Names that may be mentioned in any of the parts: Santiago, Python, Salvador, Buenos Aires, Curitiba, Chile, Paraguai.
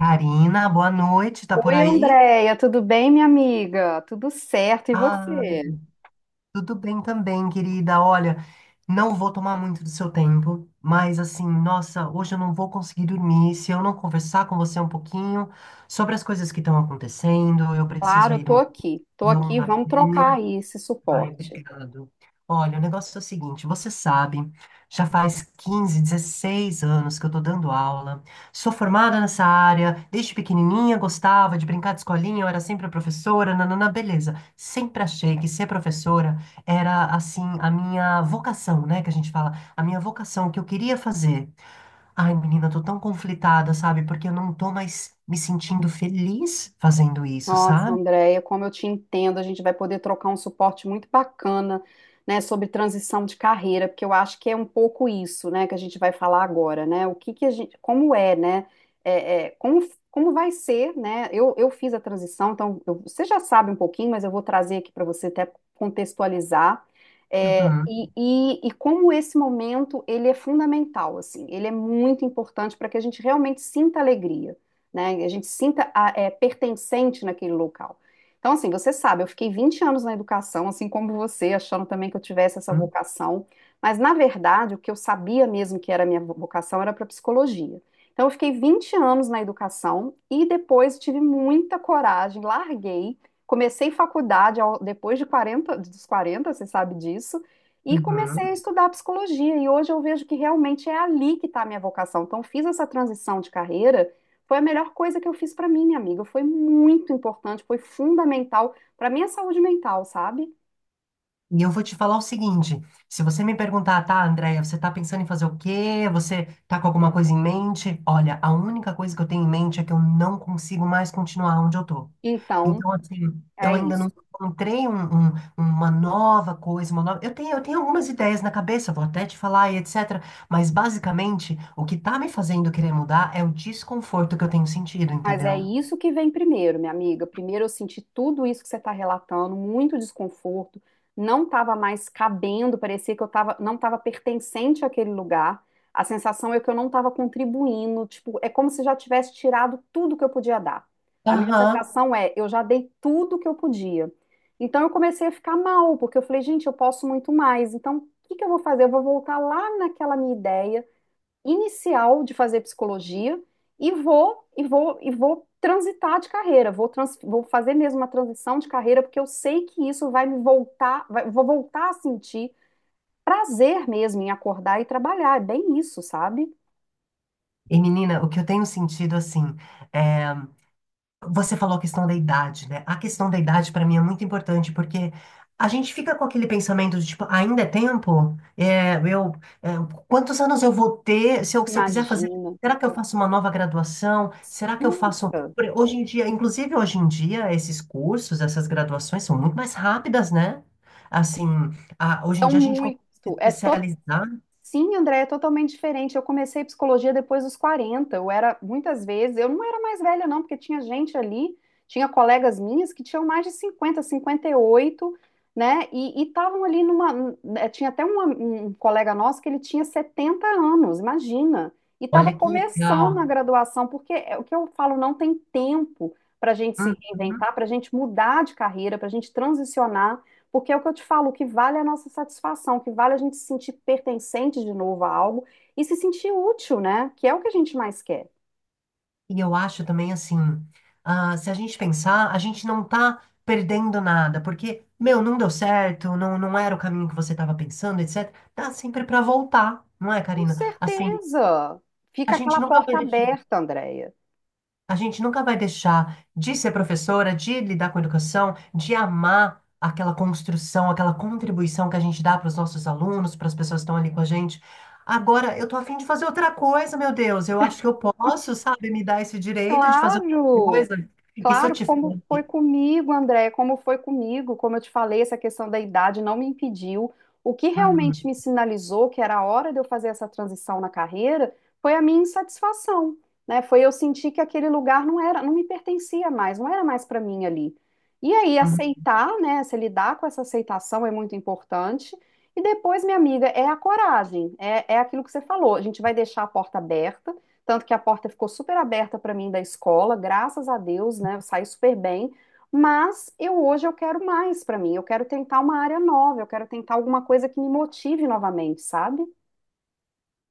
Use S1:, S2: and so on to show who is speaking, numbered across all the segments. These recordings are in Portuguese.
S1: Karina, boa noite, tá por
S2: Oi,
S1: aí?
S2: Andréia, tudo bem, minha amiga? Tudo certo, e
S1: Ah,
S2: você?
S1: tudo bem também, querida. Olha, não vou tomar muito do seu tempo, mas assim, nossa, hoje eu não vou conseguir dormir se eu não conversar com você um pouquinho sobre as coisas que estão acontecendo. Eu preciso
S2: Claro, eu
S1: aí de
S2: tô
S1: uma,
S2: aqui,
S1: de um
S2: vamos trocar
S1: papel.
S2: aí esse
S1: Ai,
S2: suporte.
S1: obrigado. Olha, o negócio é o seguinte, você sabe, já faz 15, 16 anos que eu tô dando aula. Sou formada nessa área, desde pequenininha gostava de brincar de escolinha, eu era sempre a professora, nanana, beleza. Sempre achei que ser professora era assim a minha vocação, né, que a gente fala, a minha vocação, o que eu queria fazer. Ai, menina, eu tô tão conflitada, sabe? Porque eu não tô mais me sentindo feliz fazendo isso,
S2: Nossa,
S1: sabe?
S2: Andréia, como eu te entendo, a gente vai poder trocar um suporte muito bacana, né, sobre transição de carreira, porque eu acho que é um pouco isso, né, que a gente vai falar agora, né, o que que a gente, como é, né, como, como vai ser, né, eu fiz a transição, então você já sabe um pouquinho, mas eu vou trazer aqui para você até contextualizar, é, e,
S1: Uhum,
S2: e, e como esse momento, ele é fundamental, assim, ele é muito importante para que a gente realmente sinta alegria, né? A gente se sinta pertencente naquele local. Então, assim, você sabe, eu fiquei 20 anos na educação, assim como você, achando também que eu tivesse essa
S1: uhum,
S2: vocação, mas na verdade o que eu sabia mesmo que era a minha vocação era para psicologia. Então, eu fiquei 20 anos na educação e depois tive muita coragem, larguei, comecei faculdade depois de 40, dos 40, você sabe disso, e comecei
S1: uhum.
S2: a estudar psicologia. E hoje eu vejo que realmente é ali que está a minha vocação. Então, eu fiz essa transição de carreira, foi a melhor coisa que eu fiz pra mim, minha amiga. Foi muito importante, foi fundamental pra minha saúde mental, sabe?
S1: E eu vou te falar o seguinte: se você me perguntar, tá, Andréia, você tá pensando em fazer o quê? Você tá com alguma coisa em mente? Olha, a única coisa que eu tenho em mente é que eu não consigo mais continuar onde eu tô.
S2: Então,
S1: Então, assim, eu
S2: é
S1: ainda não
S2: isso.
S1: encontrei um- um- uma nova coisa, uma nova. Eu tenho algumas ideias na cabeça, vou até te falar e etc. Mas, basicamente, o que tá me fazendo querer mudar é o desconforto que eu tenho sentido,
S2: Mas é
S1: entendeu?
S2: isso que vem primeiro, minha amiga. Primeiro eu senti tudo isso que você está relatando, muito desconforto, não estava mais cabendo, parecia que eu tava, não estava pertencente àquele lugar. A sensação é que eu não estava contribuindo, tipo, é como se já tivesse tirado tudo que eu podia dar. A minha
S1: Aham.
S2: sensação é, eu já dei tudo que eu podia. Então eu comecei a ficar mal, porque eu falei, gente, eu posso muito mais. Então, o que que eu vou fazer? Eu vou voltar lá naquela minha ideia inicial de fazer psicologia e vou transitar de carreira, vou fazer mesmo uma transição de carreira porque eu sei que isso vai me voltar, vou voltar a sentir prazer mesmo em acordar e trabalhar, é bem isso, sabe?
S1: E menina, o que eu tenho sentido assim, é você falou a questão da idade, né? A questão da idade para mim é muito importante porque a gente fica com aquele pensamento de tipo, ainda é tempo? É, quantos anos eu vou ter? Se eu quiser fazer,
S2: Imagina.
S1: será que eu faço uma nova graduação? Será que eu faço.
S2: Nossa,
S1: Hoje em dia, inclusive hoje em dia, esses cursos, essas graduações são muito mais rápidas, né? Assim, hoje em
S2: são
S1: dia a gente consegue
S2: muito,
S1: se
S2: é
S1: especializar.
S2: Sim, André, é totalmente diferente. Eu comecei psicologia depois dos 40. Eu era, muitas vezes, eu não era mais velha, não, porque tinha gente ali, tinha colegas minhas que tinham mais de 50, 58, né? E estavam ali numa. Tinha até um colega nosso que ele tinha 70 anos, imagina. E estava
S1: Olha que
S2: começando
S1: legal.
S2: a graduação, porque é o que eu falo, não tem tempo para a gente se
S1: Uhum.
S2: reinventar, para a gente mudar de carreira, para a gente transicionar. Porque é o que eu te falo, o que vale é a nossa satisfação, o que vale é a gente se sentir pertencente de novo a algo e se sentir útil, né? Que é o que a gente mais quer.
S1: E eu acho também assim, ah, se a gente pensar, a gente não tá perdendo nada, porque, meu, não deu certo, não, não era o caminho que você estava pensando, etc. Dá sempre pra voltar, não é,
S2: Com
S1: Karina? Assim,
S2: certeza.
S1: a
S2: Fica
S1: gente
S2: aquela
S1: nunca vai
S2: porta aberta, Andréia.
S1: a gente nunca vai deixar de ser professora, de lidar com educação, de amar aquela construção, aquela contribuição que a gente dá para os nossos alunos, para as pessoas que estão ali com a gente. Agora, eu tô afim de fazer outra coisa, meu Deus. Eu acho que eu posso, sabe, me dar esse direito de fazer outra
S2: Claro.
S1: coisa. E se eu
S2: Claro,
S1: tiver.
S2: como foi comigo, André, como foi comigo, como eu te falei, essa questão da idade não me impediu. O que realmente
S1: Uhum,
S2: me sinalizou que era a hora de eu fazer essa transição na carreira foi a minha insatisfação, né? Foi eu sentir que aquele lugar não era, não me pertencia mais, não era mais para mim ali. E aí
S1: uhum.
S2: aceitar, né? Se lidar com essa aceitação é muito importante. E depois, minha amiga, é a coragem, é aquilo que você falou. A gente vai deixar a porta aberta, tanto que a porta ficou super aberta para mim da escola, graças a Deus, né? Eu saí super bem, mas eu hoje eu quero mais para mim. Eu quero tentar uma área nova, eu quero tentar alguma coisa que me motive novamente, sabe?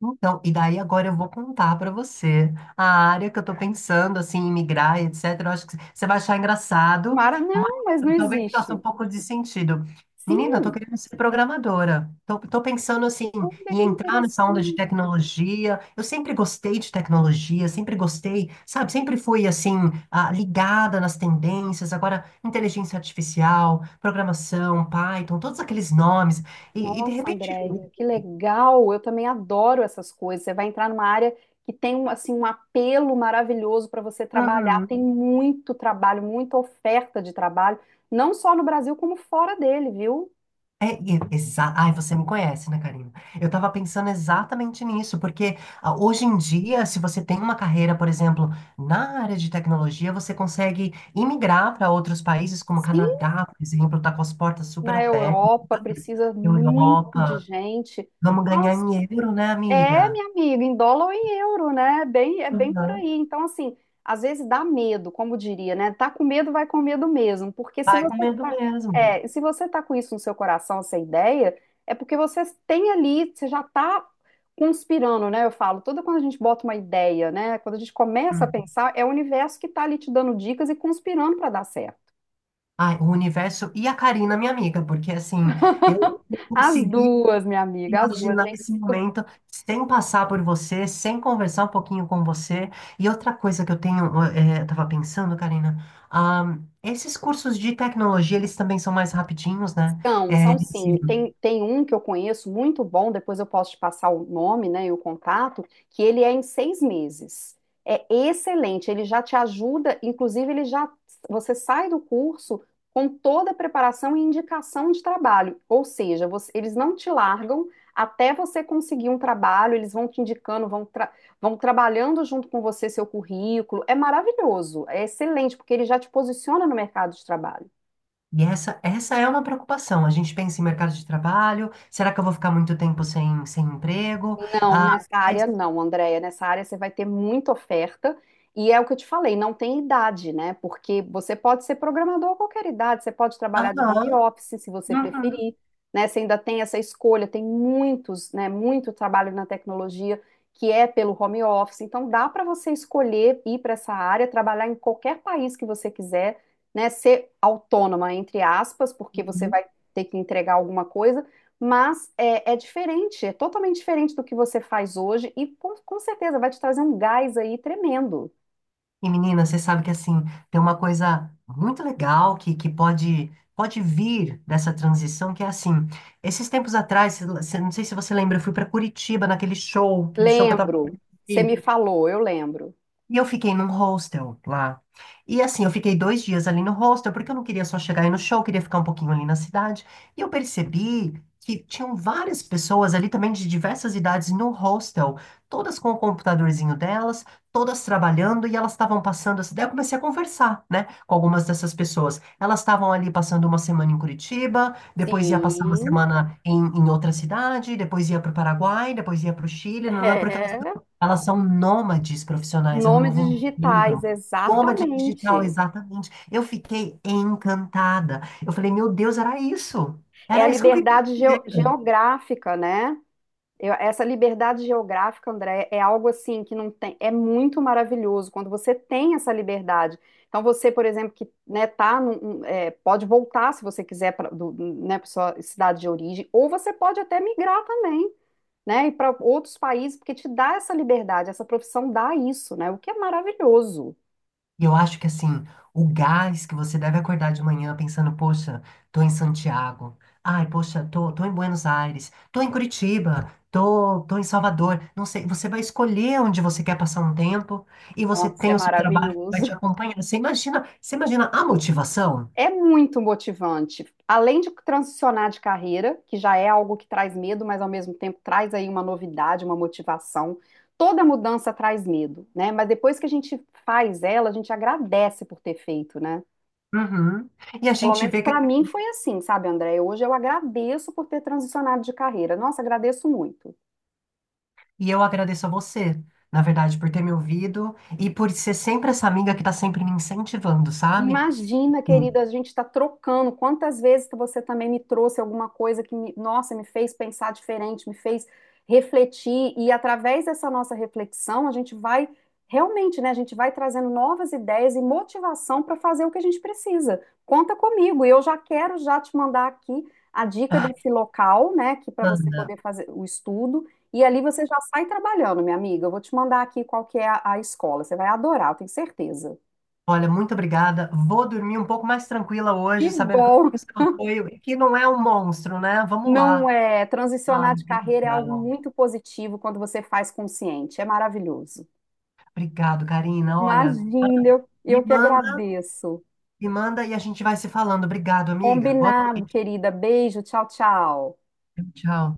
S1: Então, e daí agora eu vou contar pra você a área que eu tô pensando, assim, em migrar, etc. Eu acho que você vai achar engraçado,
S2: Mara,
S1: mas
S2: não, mas não
S1: talvez faça um
S2: existe.
S1: pouco de sentido. Menina, eu tô
S2: Sim,
S1: querendo ser programadora. Tô pensando, assim,
S2: olha
S1: em
S2: que
S1: entrar nessa onda de
S2: interessante.
S1: tecnologia. Eu sempre gostei de tecnologia, sempre gostei, sabe? Sempre fui, assim, ah, ligada nas tendências. Agora, inteligência artificial, programação, Python, todos aqueles nomes. E de
S2: Nossa,
S1: repente...
S2: Andréia, que legal! Eu também adoro essas coisas. Você vai entrar numa área que tem um, assim, um apelo maravilhoso para você trabalhar. Tem
S1: Uhum.
S2: muito trabalho, muita oferta de trabalho, não só no Brasil, como fora dele, viu?
S1: Ai, você me conhece, né, Karina? Eu tava pensando exatamente nisso, porque ah, hoje em dia, se você tem uma carreira, por exemplo, na área de tecnologia, você consegue imigrar para outros países, como o
S2: Sim,
S1: Canadá, por exemplo, tá com as portas super
S2: na
S1: abertas,
S2: Europa, precisa muito de
S1: Europa.
S2: gente.
S1: Vamos ganhar
S2: Nossa.
S1: em euro, né,
S2: É,
S1: amiga?
S2: minha amiga, em dólar ou em euro, né? É bem, é bem por
S1: Uhum.
S2: aí. Então, assim, às vezes dá medo, como diria, né? Tá com medo, vai com medo mesmo. Porque se
S1: Vai com
S2: você
S1: medo
S2: tá,
S1: mesmo.
S2: se você tá com isso no seu coração, essa ideia, é porque você tem ali, você já tá conspirando, né? Eu falo, toda quando a gente bota uma ideia, né? Quando a gente começa a
S1: Hum.
S2: pensar, é o universo que tá ali te dando dicas e conspirando para dar certo.
S1: Ai, o universo e a Karina, minha amiga, porque assim, eu
S2: As
S1: consegui
S2: duas, minha amiga, as duas,
S1: imaginar
S2: gente.
S1: esse momento sem passar por você, sem conversar um pouquinho com você. E outra coisa que eu tenho, eu tava pensando, Karina, ah, esses cursos de tecnologia, eles também são mais rapidinhos, né?
S2: São,
S1: Eh,
S2: são
S1: assim,
S2: sim. Tem, tem um que eu conheço muito bom, depois eu posso te passar o nome, né, e o contato, que ele é em 6 meses. É excelente, ele já te ajuda, você sai do curso com toda a preparação e indicação de trabalho, ou seja, eles não te largam até você conseguir um trabalho, eles vão te indicando, vão trabalhando junto com você seu currículo. É maravilhoso, é excelente, porque ele já te posiciona no mercado de trabalho.
S1: e essa é uma preocupação. A gente pensa em mercado de trabalho, será que eu vou ficar muito tempo sem emprego?
S2: Não,
S1: Ah,
S2: nessa
S1: mas-
S2: área não, Andréia. Nessa área você vai ter muita oferta. E é o que eu te falei, não tem idade, né? Porque você pode ser programador a qualquer idade, você pode trabalhar de
S1: Aham,
S2: home office, se você
S1: uhum.
S2: preferir, né? Você ainda tem essa escolha, tem muitos, né? Muito trabalho na tecnologia que é pelo home office. Então dá para você escolher ir para essa área, trabalhar em qualquer país que você quiser, né? Ser autônoma, entre aspas, porque você vai ter que entregar alguma coisa, mas é, é diferente, é totalmente diferente do que você faz hoje e com certeza vai te trazer um gás aí tremendo.
S1: E menina, você sabe que assim, tem uma coisa muito legal que pode, pode vir dessa transição, que é assim, esses tempos atrás, não sei se você lembra, eu fui para Curitiba naquele show, aquele show que eu tava
S2: Lembro, você me falou, eu lembro.
S1: e eu fiquei num hostel lá. E assim, eu fiquei dois dias ali no hostel, porque eu não queria só chegar aí no show, eu queria ficar um pouquinho ali na cidade. E eu percebi que tinham várias pessoas ali também de diversas idades no hostel, todas com o computadorzinho delas, todas trabalhando, e elas estavam passando essa. Daí eu comecei a conversar, né, com algumas dessas pessoas. Elas estavam ali passando uma semana em Curitiba, depois ia passar uma
S2: Sim.
S1: semana em, em outra cidade, depois ia para o Paraguai, depois ia para o Chile, não, porque elas
S2: É.
S1: elas são nômades profissionais, é um
S2: Nomes
S1: novo
S2: digitais,
S1: mundo. Nômade digital,
S2: exatamente.
S1: exatamente. Eu fiquei encantada. Eu falei, meu Deus, era isso.
S2: É a
S1: Era isso que eu queria
S2: liberdade
S1: fazer.
S2: geográfica, né? Essa liberdade geográfica, André, é algo assim que não tem, é muito maravilhoso quando você tem essa liberdade. Então você, por exemplo, que né, tá um, é, pode voltar se você quiser para né, pra sua cidade de origem, ou você pode até migrar também, né, e para outros países, porque te dá essa liberdade, essa profissão dá isso, né? O que é maravilhoso.
S1: E eu acho que, assim, o gás que você deve acordar de manhã pensando, poxa, tô em Santiago. Ai, poxa, tô em Buenos Aires. Tô em Curitiba. Tô em Salvador. Não sei, você vai escolher onde você quer passar um tempo e você
S2: Nossa, é
S1: tem o seu trabalho que vai
S2: maravilhoso.
S1: te acompanhar. Você imagina a motivação?
S2: É muito motivante. Além de transicionar de carreira, que já é algo que traz medo, mas ao mesmo tempo traz aí uma novidade, uma motivação. Toda mudança traz medo, né? Mas depois que a gente faz ela, a gente agradece por ter feito, né?
S1: Uhum. E a
S2: Pelo
S1: gente
S2: menos
S1: vê
S2: para
S1: que.
S2: mim foi assim, sabe, André? Hoje eu agradeço por ter transicionado de carreira. Nossa, agradeço muito.
S1: E eu agradeço a você, na verdade, por ter me ouvido e por ser sempre essa amiga que tá sempre me incentivando, sabe?
S2: Imagina,
S1: Sim.
S2: querida, a gente está trocando. Quantas vezes que você também me trouxe alguma coisa que me, nossa, me fez pensar diferente, me fez refletir, e através dessa nossa reflexão, a gente vai realmente, né? A gente vai trazendo novas ideias e motivação para fazer o que a gente precisa. Conta comigo, e eu já quero já te mandar aqui a dica
S1: Ah,
S2: desse local, né? Que para você
S1: Ana,
S2: poder fazer o estudo, e ali você já sai trabalhando, minha amiga. Eu vou te mandar aqui qual que é a escola. Você vai adorar, eu tenho certeza.
S1: olha, muito obrigada. Vou dormir um pouco mais tranquila
S2: Que
S1: hoje, sabendo que eu
S2: bom!
S1: tenho seu apoio e que não é um monstro, né? Vamos
S2: Não
S1: lá.
S2: é. Transicionar
S1: Ai,
S2: de
S1: que
S2: carreira é algo
S1: legal.
S2: muito positivo quando você faz consciente. É maravilhoso.
S1: Obrigado, Karina. Olha,
S2: Imagina,
S1: me
S2: eu que
S1: manda,
S2: agradeço.
S1: me manda e a gente vai se falando. Obrigado, amiga. Boa
S2: Combinado,
S1: noite.
S2: querida. Beijo, tchau, tchau.
S1: Tchau.